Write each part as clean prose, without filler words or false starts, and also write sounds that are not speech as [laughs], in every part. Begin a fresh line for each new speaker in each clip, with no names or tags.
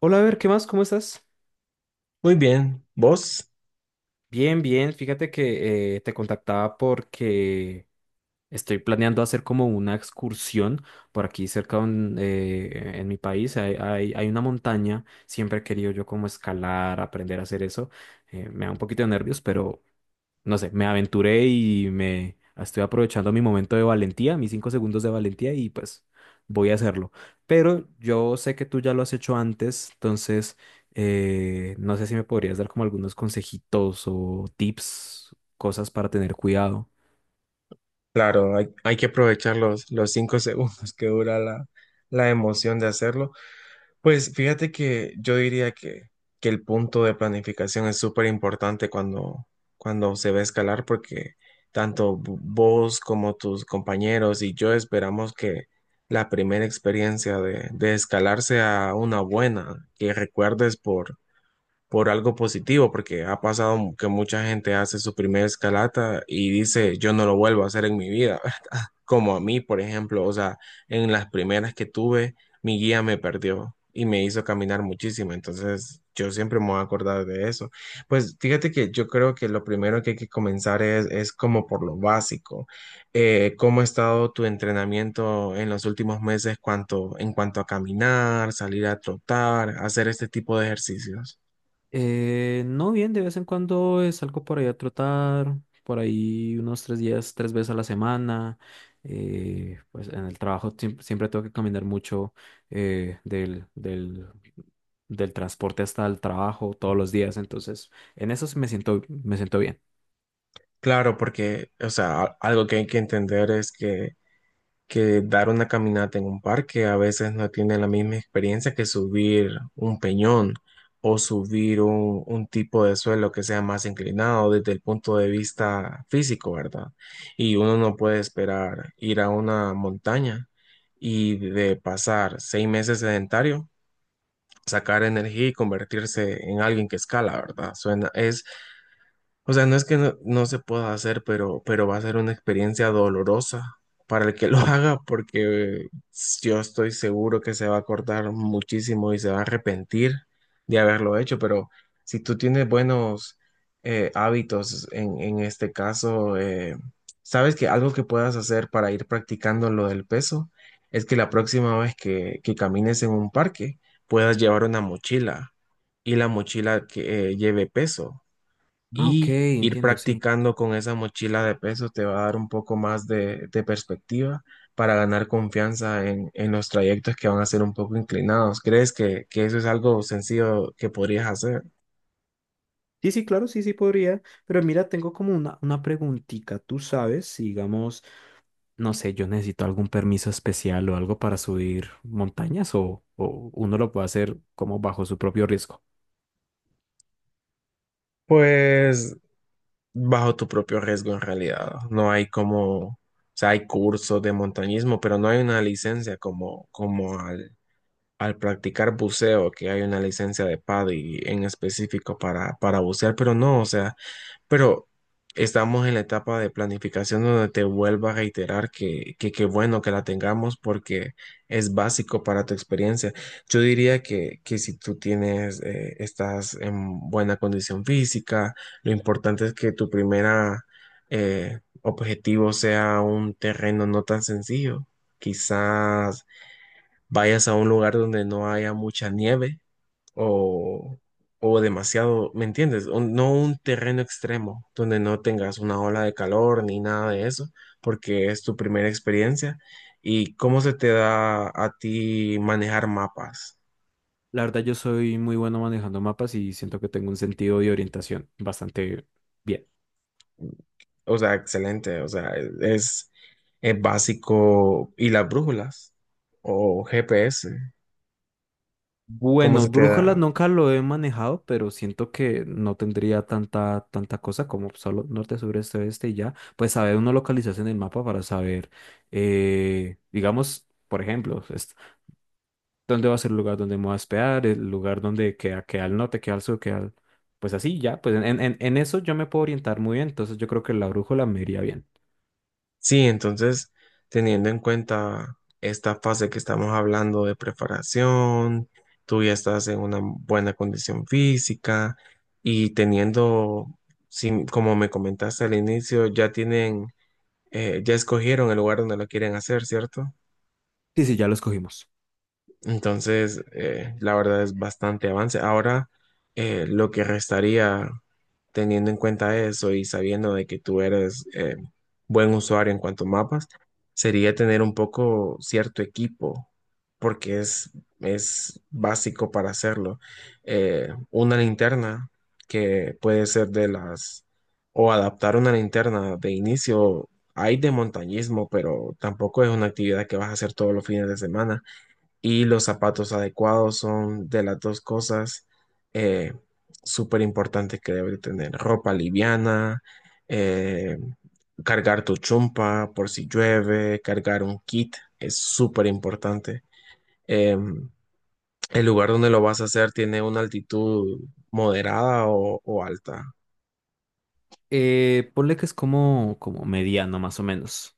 Hola, a ver, ¿qué más? ¿Cómo estás?
Muy bien, vos,
Bien, bien. Fíjate que te contactaba porque estoy planeando hacer como una excursión por aquí cerca en mi país. Hay una montaña. Siempre he querido yo como escalar, aprender a hacer eso. Me da un poquito de nervios, pero no sé, me aventuré y me estoy aprovechando mi momento de valentía, mis 5 segundos de valentía y pues voy a hacerlo. Pero yo sé que tú ya lo has hecho antes, entonces no sé si me podrías dar como algunos consejitos o tips, cosas para tener cuidado.
claro, hay que aprovechar los cinco [laughs] segundos que dura la emoción de hacerlo. Pues fíjate que yo diría que el punto de planificación es súper importante cuando se va a escalar porque tanto vos como tus compañeros y yo esperamos que la primera experiencia de escalar sea una buena, que recuerdes por algo positivo, porque ha pasado que mucha gente hace su primera escalata y dice, yo no lo vuelvo a hacer en mi vida, [laughs] como a mí, por ejemplo, o sea, en las primeras que tuve, mi guía me perdió y me hizo caminar muchísimo, entonces yo siempre me voy a acordar de eso. Pues fíjate que yo creo que lo primero que hay que comenzar es como por lo básico. ¿Cómo ha estado tu entrenamiento en los últimos meses en cuanto a caminar, salir a trotar, hacer este tipo de ejercicios?
No bien, de vez en cuando salgo por ahí a trotar, por ahí unos 3 días, 3 veces a la semana. Pues en el trabajo siempre tengo que caminar mucho, del, del transporte hasta el trabajo todos los días, entonces en eso sí me siento bien.
Claro, porque, o sea, algo que hay que entender es que dar una caminata en un parque a veces no tiene la misma experiencia que subir un peñón o subir un tipo de suelo que sea más inclinado desde el punto de vista físico, ¿verdad? Y uno no puede esperar ir a una montaña y de pasar seis meses sedentario, sacar energía y convertirse en alguien que escala, ¿verdad? Suena, es, o sea, no es que no se pueda hacer, pero va a ser una experiencia dolorosa para el que lo [laughs] haga, porque yo estoy seguro que se va a acordar muchísimo y se va a arrepentir de haberlo hecho, pero si tú tienes buenos hábitos en este caso, sabes que algo que puedas hacer para ir practicando lo del peso es que la próxima vez que camines en un parque puedas llevar una mochila y la mochila que lleve peso
Ah, ok,
y ir
entiendo, sí.
practicando con esa mochila de peso te va a dar un poco más de perspectiva para ganar confianza en los trayectos que van a ser un poco inclinados. ¿Crees que eso es algo sencillo que podrías hacer?
Sí, sí, claro, sí, sí podría, pero mira, tengo como una preguntita, tú sabes, si digamos... No sé, yo necesito algún permiso especial o algo para subir montañas o uno lo puede hacer como bajo su propio riesgo.
Pues bajo tu propio riesgo en realidad. No hay como, o sea, hay cursos de montañismo, pero no hay una licencia como al practicar buceo, que hay una licencia de PADI en específico para bucear, pero no, o sea, pero estamos en la etapa de planificación donde te vuelvo a reiterar que qué bueno que la tengamos porque es básico para tu experiencia. Yo diría que si tú tienes, estás en buena condición física, lo importante es que tu primera objetivo sea un terreno no tan sencillo. Quizás vayas a un lugar donde no haya mucha nieve o, o demasiado, ¿me entiendes? No un terreno extremo donde no tengas una ola de calor ni nada de eso, porque es tu primera experiencia. ¿Y cómo se te da a ti manejar mapas?
La verdad, yo soy muy bueno manejando mapas y siento que tengo un sentido de orientación bastante bien.
O sea, excelente, o sea, es, es básico. ¿Y las brújulas? ¿O GPS? ¿Cómo
Bueno,
se te
brújula
da?
nunca lo he manejado, pero siento que no tendría tanta cosa como solo norte, sur, este, oeste y ya. Pues saber uno localizarse en el mapa para saber, digamos, por ejemplo, dónde va a ser el lugar donde me voy a hospedar, el lugar donde queda, queda al norte, queda al sur, queda al... Pues así, ya, pues en, en eso yo me puedo orientar muy bien, entonces yo creo que la brújula me iría bien.
Sí, entonces, teniendo en cuenta esta fase que estamos hablando de preparación, tú ya estás en una buena condición física y teniendo, sí, como me comentaste al inicio, ya tienen, ya escogieron el lugar donde lo quieren hacer, ¿cierto?
Sí, sí, ya lo escogimos.
Entonces, la verdad es bastante avance. Ahora, lo que restaría teniendo en cuenta eso y sabiendo de que tú eres buen usuario en cuanto a mapas, sería tener un poco cierto equipo, porque es básico para hacerlo. Una linterna que puede ser de las, o adaptar una linterna de inicio. Hay de montañismo, pero tampoco es una actividad que vas a hacer todos los fines de semana y los zapatos adecuados son de las dos cosas eh, súper importantes que debe tener. Ropa liviana, eh, cargar tu chumpa por si llueve, cargar un kit es súper importante. Eh, el lugar donde lo vas a hacer tiene una altitud moderada o alta.
Ponle que es como, como mediano más o menos.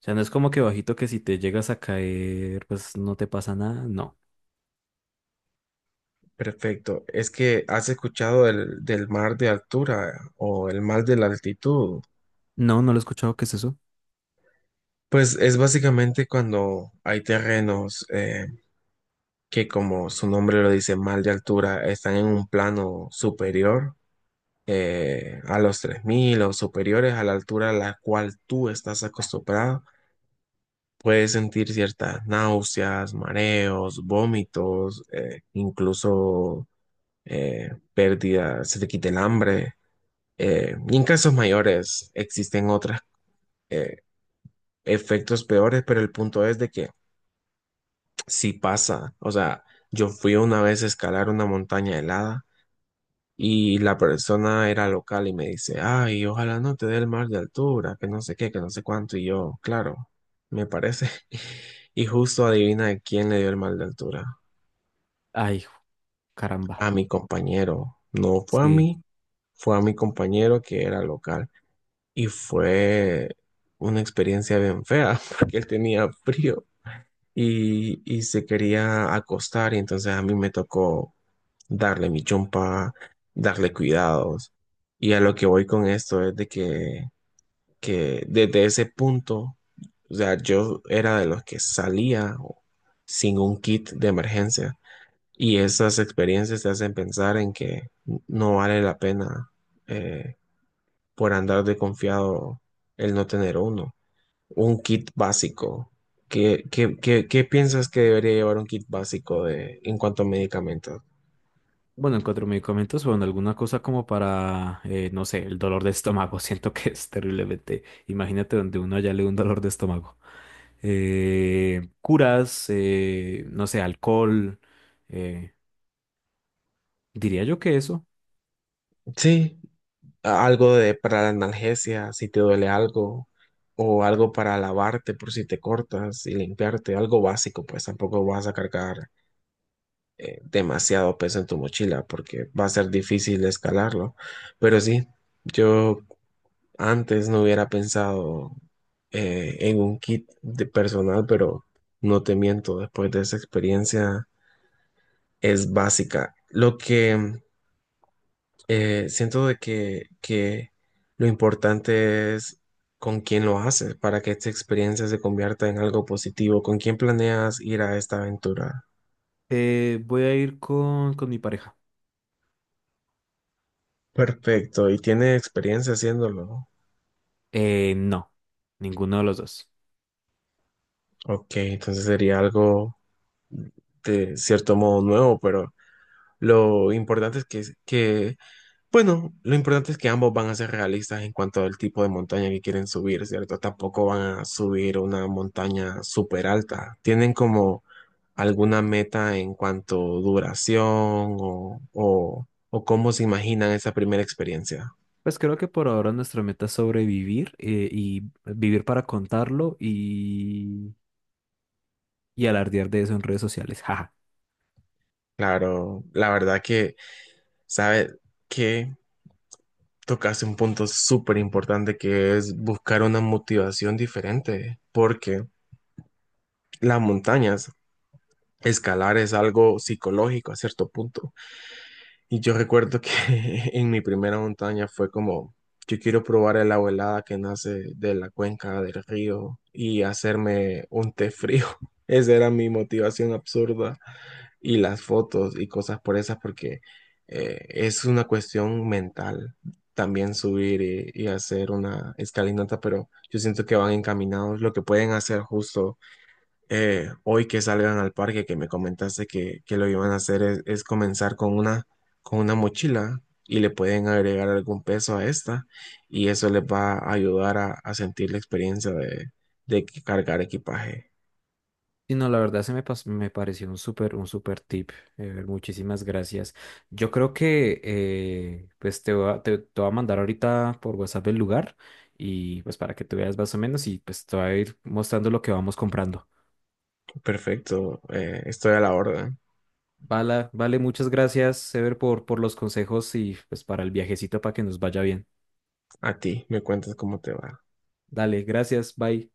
O sea, no es como que bajito que si te llegas a caer, pues no te pasa nada. No.
Perfecto. Es que has escuchado del mar de altura o el mar de la altitud.
No, no lo he escuchado. ¿Qué es eso?
Pues es básicamente cuando hay terrenos que como su nombre lo dice, mal de altura, están en un plano superior a los 3.000 o superiores a la altura a la cual tú estás acostumbrado. Puedes sentir ciertas náuseas, mareos, vómitos, incluso pérdida, se te quita el hambre. Y en casos mayores existen otros efectos peores, pero el punto es de que si pasa, o sea, yo fui una vez a escalar una montaña helada. Y la persona era local y me dice, ay, ojalá no te dé el mal de altura, que no sé qué, que no sé cuánto. Y yo, claro, me parece. [laughs] Y justo adivina de quién le dio el mal de altura.
Ay, caramba.
A mi compañero. No fue a
Sí.
mí, fue a mi compañero que era local. Y fue una experiencia bien fea [laughs] porque él tenía frío. Y se quería acostar y entonces a mí me tocó darle mi chompa, darle cuidados. Y a lo que voy con esto es de que desde ese punto, o sea, yo era de los que salía sin un kit de emergencia. Y esas experiencias te hacen pensar en que no vale la pena eh, por andar de confiado el no tener uno. Un kit básico. ¿Qué piensas que debería llevar un kit básico de, en cuanto a medicamentos?
Bueno, en cuatro medicamentos, bueno, alguna cosa como para, no sé, el dolor de estómago. [laughs] Siento que es terriblemente. Imagínate donde uno ya le da un dolor de estómago. Curas, no sé, alcohol. eh, Diría yo que eso.
Sí, algo de, para la analgesia, si te duele algo, o algo para lavarte por si te cortas y limpiarte, algo básico, pues tampoco vas a cargar demasiado peso en tu mochila porque va a ser difícil escalarlo. Pero sí, yo antes no hubiera pensado en un kit de personal, pero no te miento, después de esa experiencia es básica. Lo que siento de que lo importante es con quién lo haces para que esta experiencia se convierta en algo positivo, con quién planeas ir a esta aventura.
Voy a ir con mi pareja.
Perfecto, y tiene experiencia haciéndolo.
No, ninguno de los dos.
Ok, entonces sería algo de cierto modo nuevo, pero lo importante es que bueno, lo importante es que ambos van a ser realistas en cuanto al tipo de montaña que quieren subir, ¿cierto? Tampoco van a subir una montaña súper alta. ¿Tienen como alguna meta en cuanto duración o cómo se imaginan esa primera experiencia?
Pues creo que por ahora nuestra meta es sobrevivir, y vivir para contarlo y alardear de eso en redes sociales. [laughs] Jaja.
Claro, la verdad que, ¿sabe que tocaste un punto súper importante que es buscar una motivación diferente, porque las montañas, escalar es algo psicológico a cierto punto. Y yo recuerdo que [laughs] en mi primera montaña fue como, yo quiero probar el agua helada que nace de la cuenca del río y hacerme un té frío. [laughs] Esa era mi motivación absurda. Y las fotos y cosas por esas, porque es una cuestión mental también subir y hacer una escalinata, pero yo siento que van encaminados. Lo que pueden hacer justo hoy que salgan al parque, que me comentaste que lo iban a hacer, es comenzar con una, mochila y le pueden agregar algún peso a esta y eso les va a ayudar a sentir la experiencia de cargar equipaje.
Y no, la verdad se me, me pareció un súper tip. Muchísimas gracias. Yo creo que pues te voy a mandar ahorita por WhatsApp el lugar y pues para que tú veas más o menos y pues te voy a ir mostrando lo que vamos comprando.
Perfecto, estoy a la orden.
Vale, vale, muchas gracias, Sever, por los consejos y pues para el viajecito para que nos vaya bien.
A ti, me cuentas cómo te va.
Dale, gracias, bye.